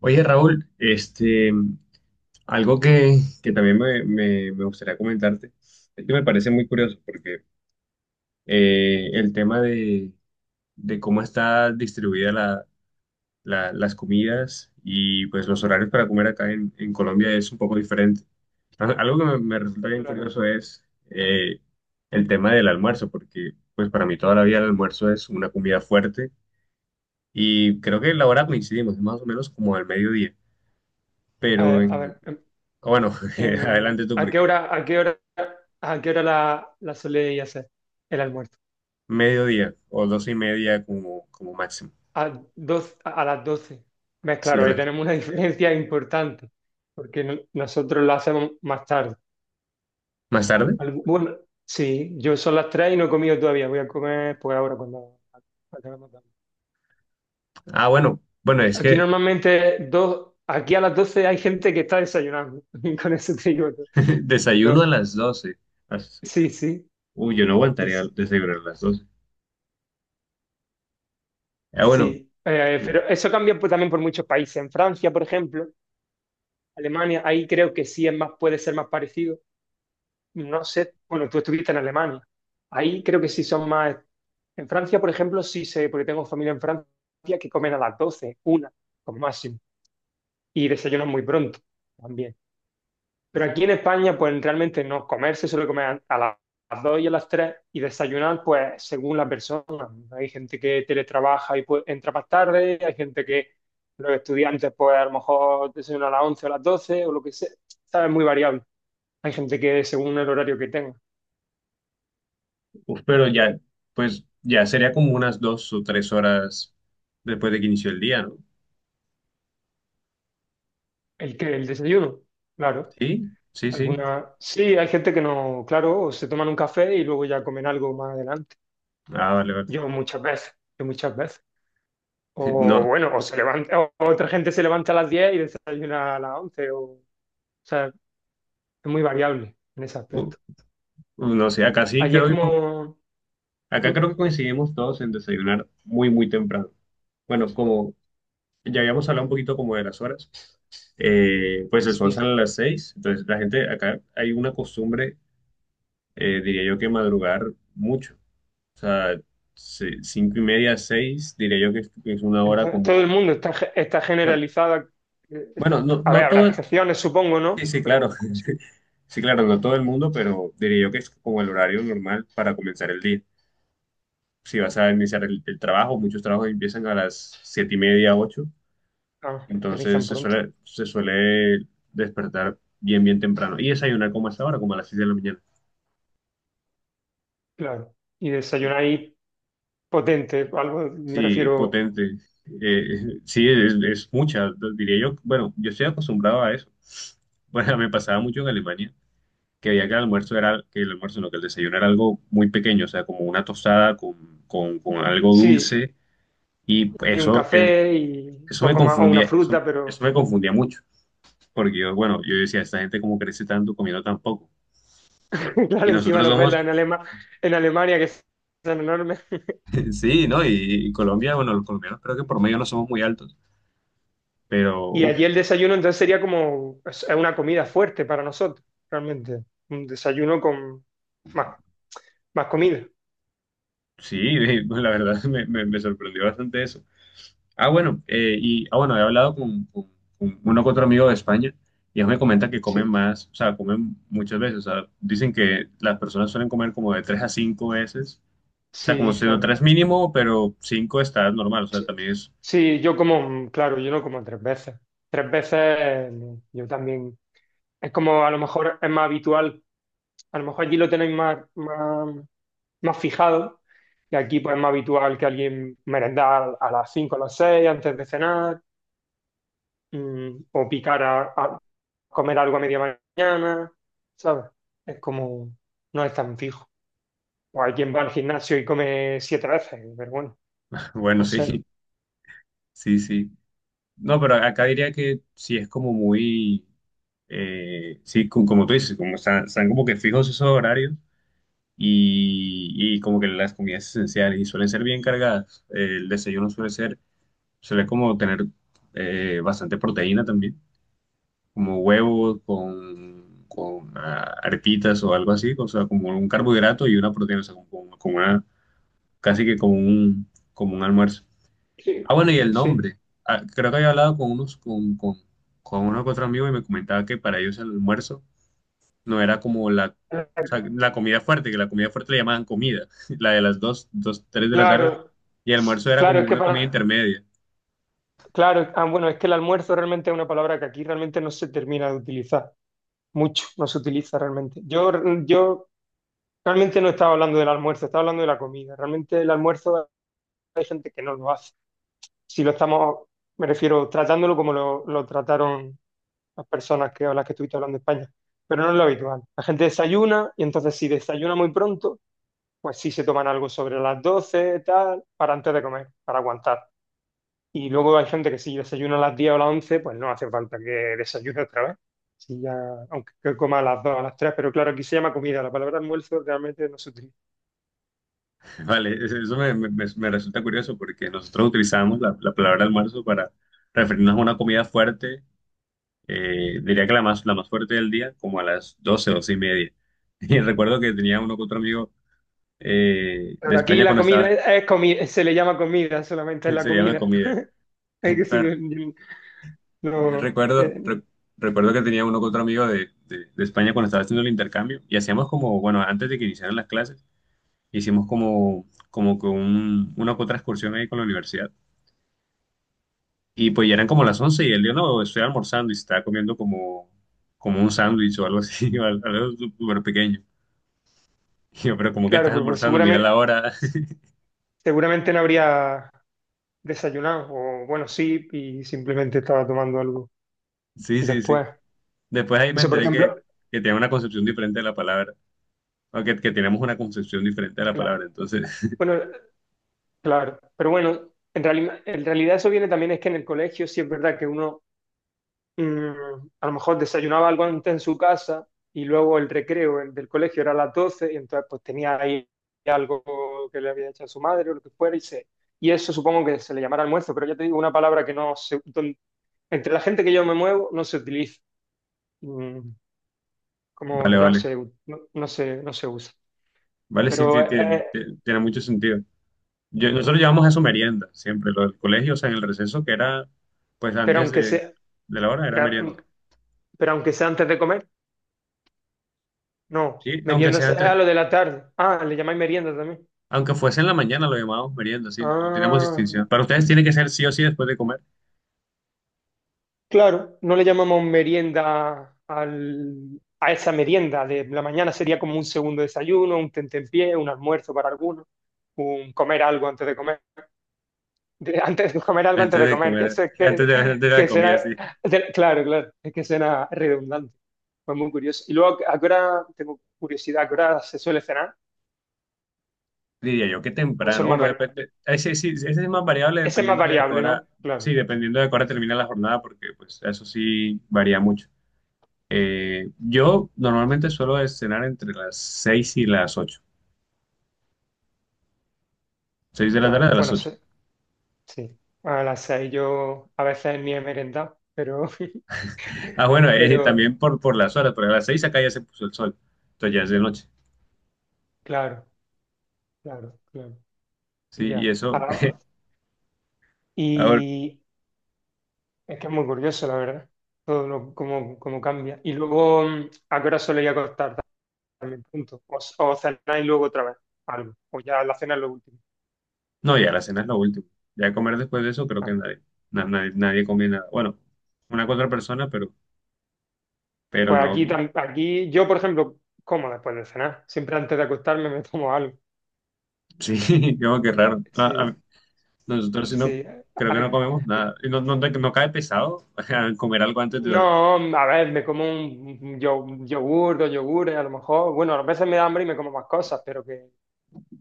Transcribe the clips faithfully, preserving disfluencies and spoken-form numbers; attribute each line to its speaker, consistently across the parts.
Speaker 1: Oye, Raúl, este, algo que, que también me, me- me gustaría comentarte, es que me parece muy curioso porque eh, el tema de, de cómo está distribuida la- la- las comidas y pues los horarios para comer acá en, en Colombia es un poco diferente. Al- Algo que me, me resulta bien
Speaker 2: Claro.
Speaker 1: curioso es
Speaker 2: A,
Speaker 1: eh, el tema del almuerzo, porque pues para mí toda la vida el almuerzo es una comida fuerte y creo que la hora coincidimos, es más o menos como al mediodía,
Speaker 2: a-
Speaker 1: pero
Speaker 2: a
Speaker 1: en,
Speaker 2: ver, en,
Speaker 1: bueno,
Speaker 2: en-
Speaker 1: adelante tú,
Speaker 2: ¿a qué
Speaker 1: porque
Speaker 2: hora, a qué hora, a qué hora la, la soléis hacer el almuerzo?
Speaker 1: mediodía o doce y media como, como máximo.
Speaker 2: A, doce- ¿A las doce? Ves,
Speaker 1: Sí, a
Speaker 2: claro, ahí
Speaker 1: la-
Speaker 2: tenemos una diferencia importante, porque no- nosotros la hacemos más tarde.
Speaker 1: ¿más tarde?
Speaker 2: Algu- Bueno, sí, yo son las tres y no he comido todavía, voy a comer pues ahora cuando acabemos de hablar.
Speaker 1: Ah, bueno, bueno, es
Speaker 2: Aquí
Speaker 1: que
Speaker 2: normalmente dos, aquí a las doce hay gente que está desayunando, con eso te digo todo.
Speaker 1: desayuno a
Speaker 2: Pero
Speaker 1: las doce. As-
Speaker 2: sí, sí,
Speaker 1: Uy, yo no
Speaker 2: sí,
Speaker 1: aguantaría
Speaker 2: sí.
Speaker 1: desayunar a las doce. Ah, bueno,
Speaker 2: Sí, eh,
Speaker 1: eh,
Speaker 2: pero eso cambia pues, también por muchos países. En Francia, por ejemplo, Alemania, ahí creo que sí es más, puede ser más parecido. No sé, bueno, tú estuviste en Alemania. Ahí creo que sí son más. En Francia, por ejemplo, sí sé, porque tengo familia en Francia que comen a las doce, una, como máximo, y desayunan muy pronto también. Pero aquí en España, pues realmente no, comer se suele comer a la- a las dos y a las tres y desayunar, pues según la persona. Hay gente que teletrabaja y pues, entra más tarde, hay gente que los estudiantes, pues a lo mejor desayunan a las once o a las doce o lo que sea. Está muy variable. Hay gente que según el horario que tenga.
Speaker 1: uf, pero ya, pues ya sería como unas dos o tres horas después de que inició el día, ¿no?
Speaker 2: El que el desayuno, claro.
Speaker 1: Sí, sí, sí.
Speaker 2: Alguna, sí, hay gente que no, claro, o se toman un café y luego ya comen algo más adelante.
Speaker 1: Ah, vale, vale.
Speaker 2: Yo muchas veces, yo muchas veces. O
Speaker 1: No,
Speaker 2: bueno, o se levanta, o otra gente se levanta a las diez y desayuna a las once o, o sea, es muy variable en ese
Speaker 1: u-
Speaker 2: aspecto.
Speaker 1: no sé, acá sí
Speaker 2: Allí es
Speaker 1: creo que,
Speaker 2: como, ¿mm?
Speaker 1: acá creo que coincidimos todos en desayunar muy, muy temprano. Bueno, como ya habíamos hablado un poquito como de las horas. Eh, pues el sol
Speaker 2: Sí,
Speaker 1: sale a las seis, entonces la gente acá hay una costumbre, eh, diría yo, que madrugar mucho. O sea, se- cinco y media, seis, diría yo que es, que es una hora
Speaker 2: entonces, todo el
Speaker 1: como,
Speaker 2: mundo está, ge- está
Speaker 1: bueno,
Speaker 2: generalizada. eh, está-
Speaker 1: bueno, no,
Speaker 2: a ver,
Speaker 1: no
Speaker 2: habrá
Speaker 1: todo,
Speaker 2: excepciones, supongo, ¿no?
Speaker 1: sí, sí, claro,
Speaker 2: Pero como siempre,
Speaker 1: sí, claro, no todo el mundo, pero diría yo que es como el horario normal para comenzar el día. Si vas a iniciar el, el trabajo, muchos trabajos empiezan a las siete y media, ocho.
Speaker 2: ah, empiezan
Speaker 1: Entonces se
Speaker 2: pronto,
Speaker 1: suele, se suele despertar bien, bien temprano. Y desayunar como a esta hora, como a las seis de la mañana.
Speaker 2: claro. Y desayunáis potente, algo, me
Speaker 1: Sí,
Speaker 2: refiero,
Speaker 1: potente. Eh, sí, es, es mucha, diría yo. Bueno, yo estoy acostumbrado a eso. Bueno, me pasaba mucho en Alemania, que había que el almuerzo era, que el almuerzo, no, que el desayuno era algo muy pequeño, o sea, como una tostada con, con, con algo
Speaker 2: sí,
Speaker 1: dulce. Y
Speaker 2: y un
Speaker 1: eso, eh,
Speaker 2: café y
Speaker 1: eso me
Speaker 2: poco más, o una
Speaker 1: confundía, eso,
Speaker 2: fruta,
Speaker 1: eso
Speaker 2: pero
Speaker 1: me confundía mucho. Porque yo, bueno, yo decía, esta gente como crece tanto comiendo tan poco. Y
Speaker 2: claro, encima
Speaker 1: nosotros
Speaker 2: los velas
Speaker 1: somos
Speaker 2: en Alema- en Alemania que son enormes.
Speaker 1: sí, ¿no? Y, y Colombia, bueno, los colombianos creo que por medio no somos muy altos, pero
Speaker 2: Y
Speaker 1: uf,
Speaker 2: allí el desayuno entonces sería como es es una comida fuerte para nosotros, realmente. Un desayuno con más, más comida.
Speaker 1: sí, la verdad me, me- me sorprendió bastante eso. Ah, bueno, eh, y ah, bueno, he hablado con, con- con uno que otro amigo de España y ellos me comentan que comen
Speaker 2: Sí,
Speaker 1: más, o sea, comen muchas veces, o sea, dicen que las personas suelen comer como de tres a cinco veces, o sea, como
Speaker 2: sí,
Speaker 1: si no
Speaker 2: claro.
Speaker 1: tres mínimo, pero cinco está normal, o sea,
Speaker 2: Sí,
Speaker 1: también es,
Speaker 2: sí, yo como, claro, yo no como tres veces. Tres veces eh, no, yo también. Es como a lo mejor es más habitual, a lo mejor allí lo tenéis más, más, más fijado. Y aquí pues es más habitual que alguien merendar a las cinco o a las seis antes de cenar, mm, o picar a, comer algo a media mañana, ¿sabes? Es como, no es tan fijo. O hay quien va al gimnasio y come siete veces, pero bueno,
Speaker 1: bueno,
Speaker 2: no sé.
Speaker 1: sí, sí, sí. No, pero acá diría que sí es como muy. Eh, sí, co- como tú dices, como están, están como que fijos esos horarios y, y como que las comidas esenciales y suelen ser bien cargadas. Eh, el desayuno suele ser, suele como tener eh, bastante proteína también, como huevos con, con ah, arepitas o algo así, o sea, como un carbohidrato y una proteína, o sea, como, como- como una, casi que como un, como un almuerzo.
Speaker 2: Sí,
Speaker 1: Ah, bueno, y el
Speaker 2: sí.
Speaker 1: nombre. Ah, creo que había hablado con unos, con, con, con uno que otro amigo y me comentaba que para ellos el almuerzo no era como la, o sea, la comida fuerte, que la comida fuerte le llamaban comida, la de las dos dos tres de la tarde,
Speaker 2: Claro,
Speaker 1: y el
Speaker 2: s-
Speaker 1: almuerzo era
Speaker 2: claro,
Speaker 1: como
Speaker 2: es que
Speaker 1: una comida
Speaker 2: para,
Speaker 1: intermedia.
Speaker 2: claro, ah, bueno, es que el almuerzo realmente es una palabra que aquí realmente no se termina de utilizar mucho, no se utiliza realmente. Yo, yo realmente no estaba hablando del almuerzo, estaba hablando de la comida. Realmente el almuerzo hay gente que no lo hace. Si lo estamos, me refiero, tratándolo como lo, lo trataron las personas que, a las que estuviste hablando en España, pero no es lo habitual. La gente desayuna y entonces si desayuna muy pronto, pues sí se toman algo sobre las doce, tal, para antes de comer, para aguantar. Y luego hay gente que si desayuna a las diez o a las once, pues no hace falta que desayune otra vez. Si ya, aunque que coma a las dos, a las tres, pero claro, aquí se llama comida, la palabra almuerzo realmente no se utiliza.
Speaker 1: Vale, es- eso me, me- me- me resulta curioso porque nosotros utilizamos la, la palabra almuerzo para referirnos a una comida fuerte, eh, diría que la más, la más fuerte del día, como a las doce, doce y media. Y recuerdo que tenía uno con otro amigo eh, de
Speaker 2: Pero aquí
Speaker 1: España
Speaker 2: la
Speaker 1: cuando
Speaker 2: comida
Speaker 1: estaba,
Speaker 2: es, es comi- se le llama comida, solamente es la
Speaker 1: se llama
Speaker 2: comida.
Speaker 1: comida.
Speaker 2: Es que sí, no, no,
Speaker 1: Recuerdo,
Speaker 2: eh,
Speaker 1: re- recuerdo que tenía uno con otro amigo de, de- de España cuando estaba haciendo el intercambio y hacíamos como, bueno, antes de que iniciaran las clases, hicimos como, como que un, una que otra excursión ahí con la universidad. Y pues ya eran como las once y él dijo, no, estoy almorzando y se estaba comiendo como, como un sándwich o algo así, o algo algo súper pequeño. Y yo, pero ¿como que
Speaker 2: claro,
Speaker 1: estás
Speaker 2: pero pues
Speaker 1: almorzando? Mira la
Speaker 2: seguramente,
Speaker 1: hora.
Speaker 2: seguramente no habría desayunar, o bueno, sí, y simplemente estaba tomando algo
Speaker 1: Sí, sí, sí.
Speaker 2: después.
Speaker 1: Después ahí me
Speaker 2: Eso, por
Speaker 1: enteré
Speaker 2: ejemplo,
Speaker 1: que, que tenía una concepción diferente de la palabra, o que, que tenemos una concepción diferente de la
Speaker 2: claro.
Speaker 1: palabra. Entonces,
Speaker 2: Bueno, claro, pero bueno, en realidad, en realidad eso viene también es que en el colegio sí es verdad que uno mm, a lo mejor desayunaba algo antes en su casa y luego el recreo el del colegio era a las doce y entonces pues tenía ahí algo que le había hecho a su madre o lo que fuera y se. Y eso supongo que se le llamará almuerzo, pero ya te digo, una palabra que no se... don- entre la gente que yo me muevo no se utiliza. Mm, como
Speaker 1: vale,
Speaker 2: no
Speaker 1: vale.
Speaker 2: se, u- no, no se, no se usa.
Speaker 1: Vale, sí,
Speaker 2: Pero,
Speaker 1: ti- ti-
Speaker 2: eh,
Speaker 1: ti- tiene mucho sentido. Yo- nosotros llevamos eso merienda siempre, lo del colegio, o sea, en el receso que era, pues
Speaker 2: pero,
Speaker 1: antes
Speaker 2: aunque
Speaker 1: de,
Speaker 2: sea,
Speaker 1: de la hora era
Speaker 2: pero,
Speaker 1: merienda.
Speaker 2: pero aunque sea antes de comer, no.
Speaker 1: Sí, aunque sea
Speaker 2: Meriendas es a
Speaker 1: antes,
Speaker 2: lo de la tarde. Ah, le llamáis merienda también.
Speaker 1: aunque fuese en la mañana lo llamábamos merienda, sí, no tenemos
Speaker 2: Ah,
Speaker 1: distinción. Para ustedes tiene que ser sí o sí después de comer,
Speaker 2: claro, no le llamamos merienda al, a esa merienda de la mañana, sería como un segundo desayuno, un tentempié, un almuerzo para algunos, un comer algo antes de comer. De- antes de comer algo antes
Speaker 1: antes
Speaker 2: de
Speaker 1: de
Speaker 2: comer, que,
Speaker 1: comer,
Speaker 2: se,
Speaker 1: antes
Speaker 2: que,
Speaker 1: de, antes de la
Speaker 2: que
Speaker 1: comida,
Speaker 2: será,
Speaker 1: sí.
Speaker 2: de- claro, claro, es que será redundante. Fue muy curioso. Y luego, ¿a qué hora, tengo curiosidad, a qué hora se suele cenar?
Speaker 1: Diría yo que
Speaker 2: ¿O eso
Speaker 1: temprano,
Speaker 2: es más
Speaker 1: bueno,
Speaker 2: vari-
Speaker 1: depende, ese sí, ese es más variable
Speaker 2: Ese es más
Speaker 1: dependiendo de a qué
Speaker 2: variable,
Speaker 1: hora,
Speaker 2: ¿no? Claro,
Speaker 1: sí, dependiendo de a qué hora termina la jornada, porque pues eso sí varía mucho. Eh, yo normalmente suelo cenar entre las seis y las ocho. Seis de la tarde
Speaker 2: claro.
Speaker 1: a las
Speaker 2: Bueno,
Speaker 1: ocho.
Speaker 2: sí. Sí. A las seis yo a veces ni he merendado, pero,
Speaker 1: Ah, bueno, eh,
Speaker 2: pero,
Speaker 1: también por, por las horas, porque a las seis acá ya se puso el sol. Entonces ya es de noche.
Speaker 2: claro, claro, claro.
Speaker 1: Sí, y
Speaker 2: Ya.
Speaker 1: eso.
Speaker 2: Ahora-
Speaker 1: Ahora,
Speaker 2: y es que es muy curioso, la verdad. Todo lo, cómo, cómo cambia. Y luego, mm, ¿a qué hora suele ir a acostar también? Punto. O, o cenar y luego otra vez algo. O ya la cena es lo último.
Speaker 1: no, ya la cena es lo último. Ya comer después de eso, creo que
Speaker 2: Ah.
Speaker 1: nadie, na- nadie, nadie come nada. Bueno, una que otra persona, pero, pero
Speaker 2: Pues
Speaker 1: no.
Speaker 2: aquí,
Speaker 1: No.
Speaker 2: tam- aquí yo, por ejemplo, como después de cenar. Siempre antes de acostarme me tomo algo.
Speaker 1: Sí, como que raro. A-
Speaker 2: Sí,
Speaker 1: a- nosotros sí no,
Speaker 2: sí.
Speaker 1: creo que no
Speaker 2: A-
Speaker 1: comemos nada. Y no, no, no cae pesado comer algo antes de dormir.
Speaker 2: No, a ver, me como un un yo- un yogur, dos yogures, a lo mejor. Bueno, a veces me da hambre y me como más cosas, pero que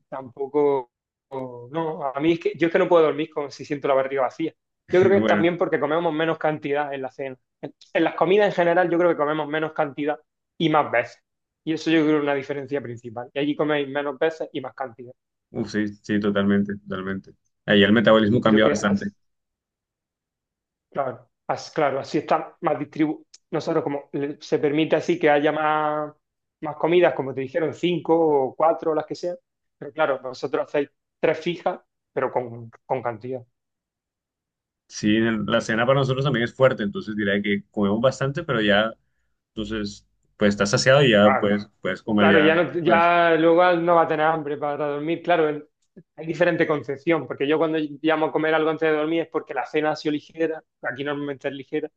Speaker 2: tampoco. o- No, a mí es que yo es que no puedo dormir con, si siento la barriga vacía. Yo creo que es
Speaker 1: Bueno.
Speaker 2: también porque comemos menos cantidad en la cena. En, en las comidas en general, yo creo que comemos menos cantidad y más veces. Y eso yo creo que es una diferencia principal. Y allí coméis menos veces y más cantidad.
Speaker 1: Uf, sí, sí, totalmente, totalmente. Ahí el metabolismo
Speaker 2: Y creo
Speaker 1: cambia
Speaker 2: que,
Speaker 1: bastante.
Speaker 2: as- claro, as- claro, así está más distribuido. Nosotros, como le- se permite así que haya más, más comidas, como te dijeron, cinco o cuatro, las que sean. Pero claro, vosotros hacéis tres fijas, pero con, con cantidad.
Speaker 1: Sí, el- la cena para nosotros también es fuerte, entonces diría que comemos bastante, pero ya, entonces, pues estás saciado y ya
Speaker 2: Claro,
Speaker 1: puedes, puedes comer
Speaker 2: claro,
Speaker 1: ya
Speaker 2: ya, no,
Speaker 1: después.
Speaker 2: ya luego no va a tener hambre para dormir. Claro, el- hay diferente concepción, porque yo cuando llamo a comer algo antes de dormir es porque la cena ha sido ligera, aquí normalmente es ligera,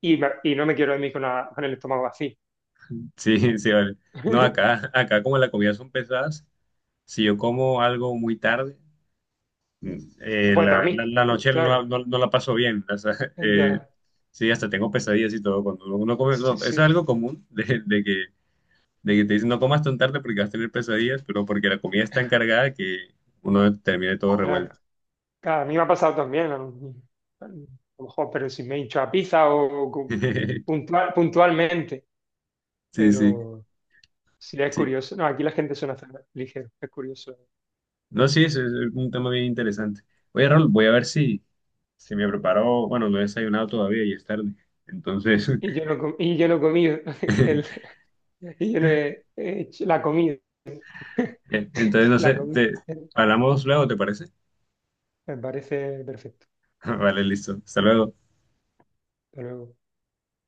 Speaker 2: y, me- y no me quiero dormir con, la- con el estómago vacío.
Speaker 1: Sí, sí, vale. No, acá, acá como las comidas son pesadas, si yo como algo muy tarde, mm,
Speaker 2: No
Speaker 1: eh,
Speaker 2: puedes
Speaker 1: la, la,
Speaker 2: dormir,
Speaker 1: la noche no, la
Speaker 2: claro.
Speaker 1: no- no la paso bien. O sea, eh,
Speaker 2: Ya.
Speaker 1: sí, hasta tengo pesadillas y todo. Cuando uno come,
Speaker 2: Sí,
Speaker 1: no, es
Speaker 2: sí,
Speaker 1: algo común de, de que de que te dicen no comas tan tarde porque vas a tener pesadillas, pero porque la comida está encargada que uno termine todo
Speaker 2: claro.
Speaker 1: revuelto.
Speaker 2: Claro, a mí me ha pasado también, a lo, a lo mejor, pero si me he hinchado a pizza o, o cu- puntual, puntualmente,
Speaker 1: Sí, sí,
Speaker 2: pero sí es
Speaker 1: sí.
Speaker 2: curioso. No, aquí la gente suena hacer ligero, es curioso.
Speaker 1: No, sí, es, es un tema bien interesante. Oye, Raúl, voy a ver si, si me preparo, bueno, no he desayunado todavía y es tarde. Entonces,
Speaker 2: Y yo no, com- y yo no he comido, el, y yo no he, he hecho la comida,
Speaker 1: entonces no
Speaker 2: la
Speaker 1: sé,
Speaker 2: comida.
Speaker 1: te, hablamos luego, ¿te parece?
Speaker 2: Me parece perfecto.
Speaker 1: Vale, listo. Hasta luego.
Speaker 2: Hasta luego.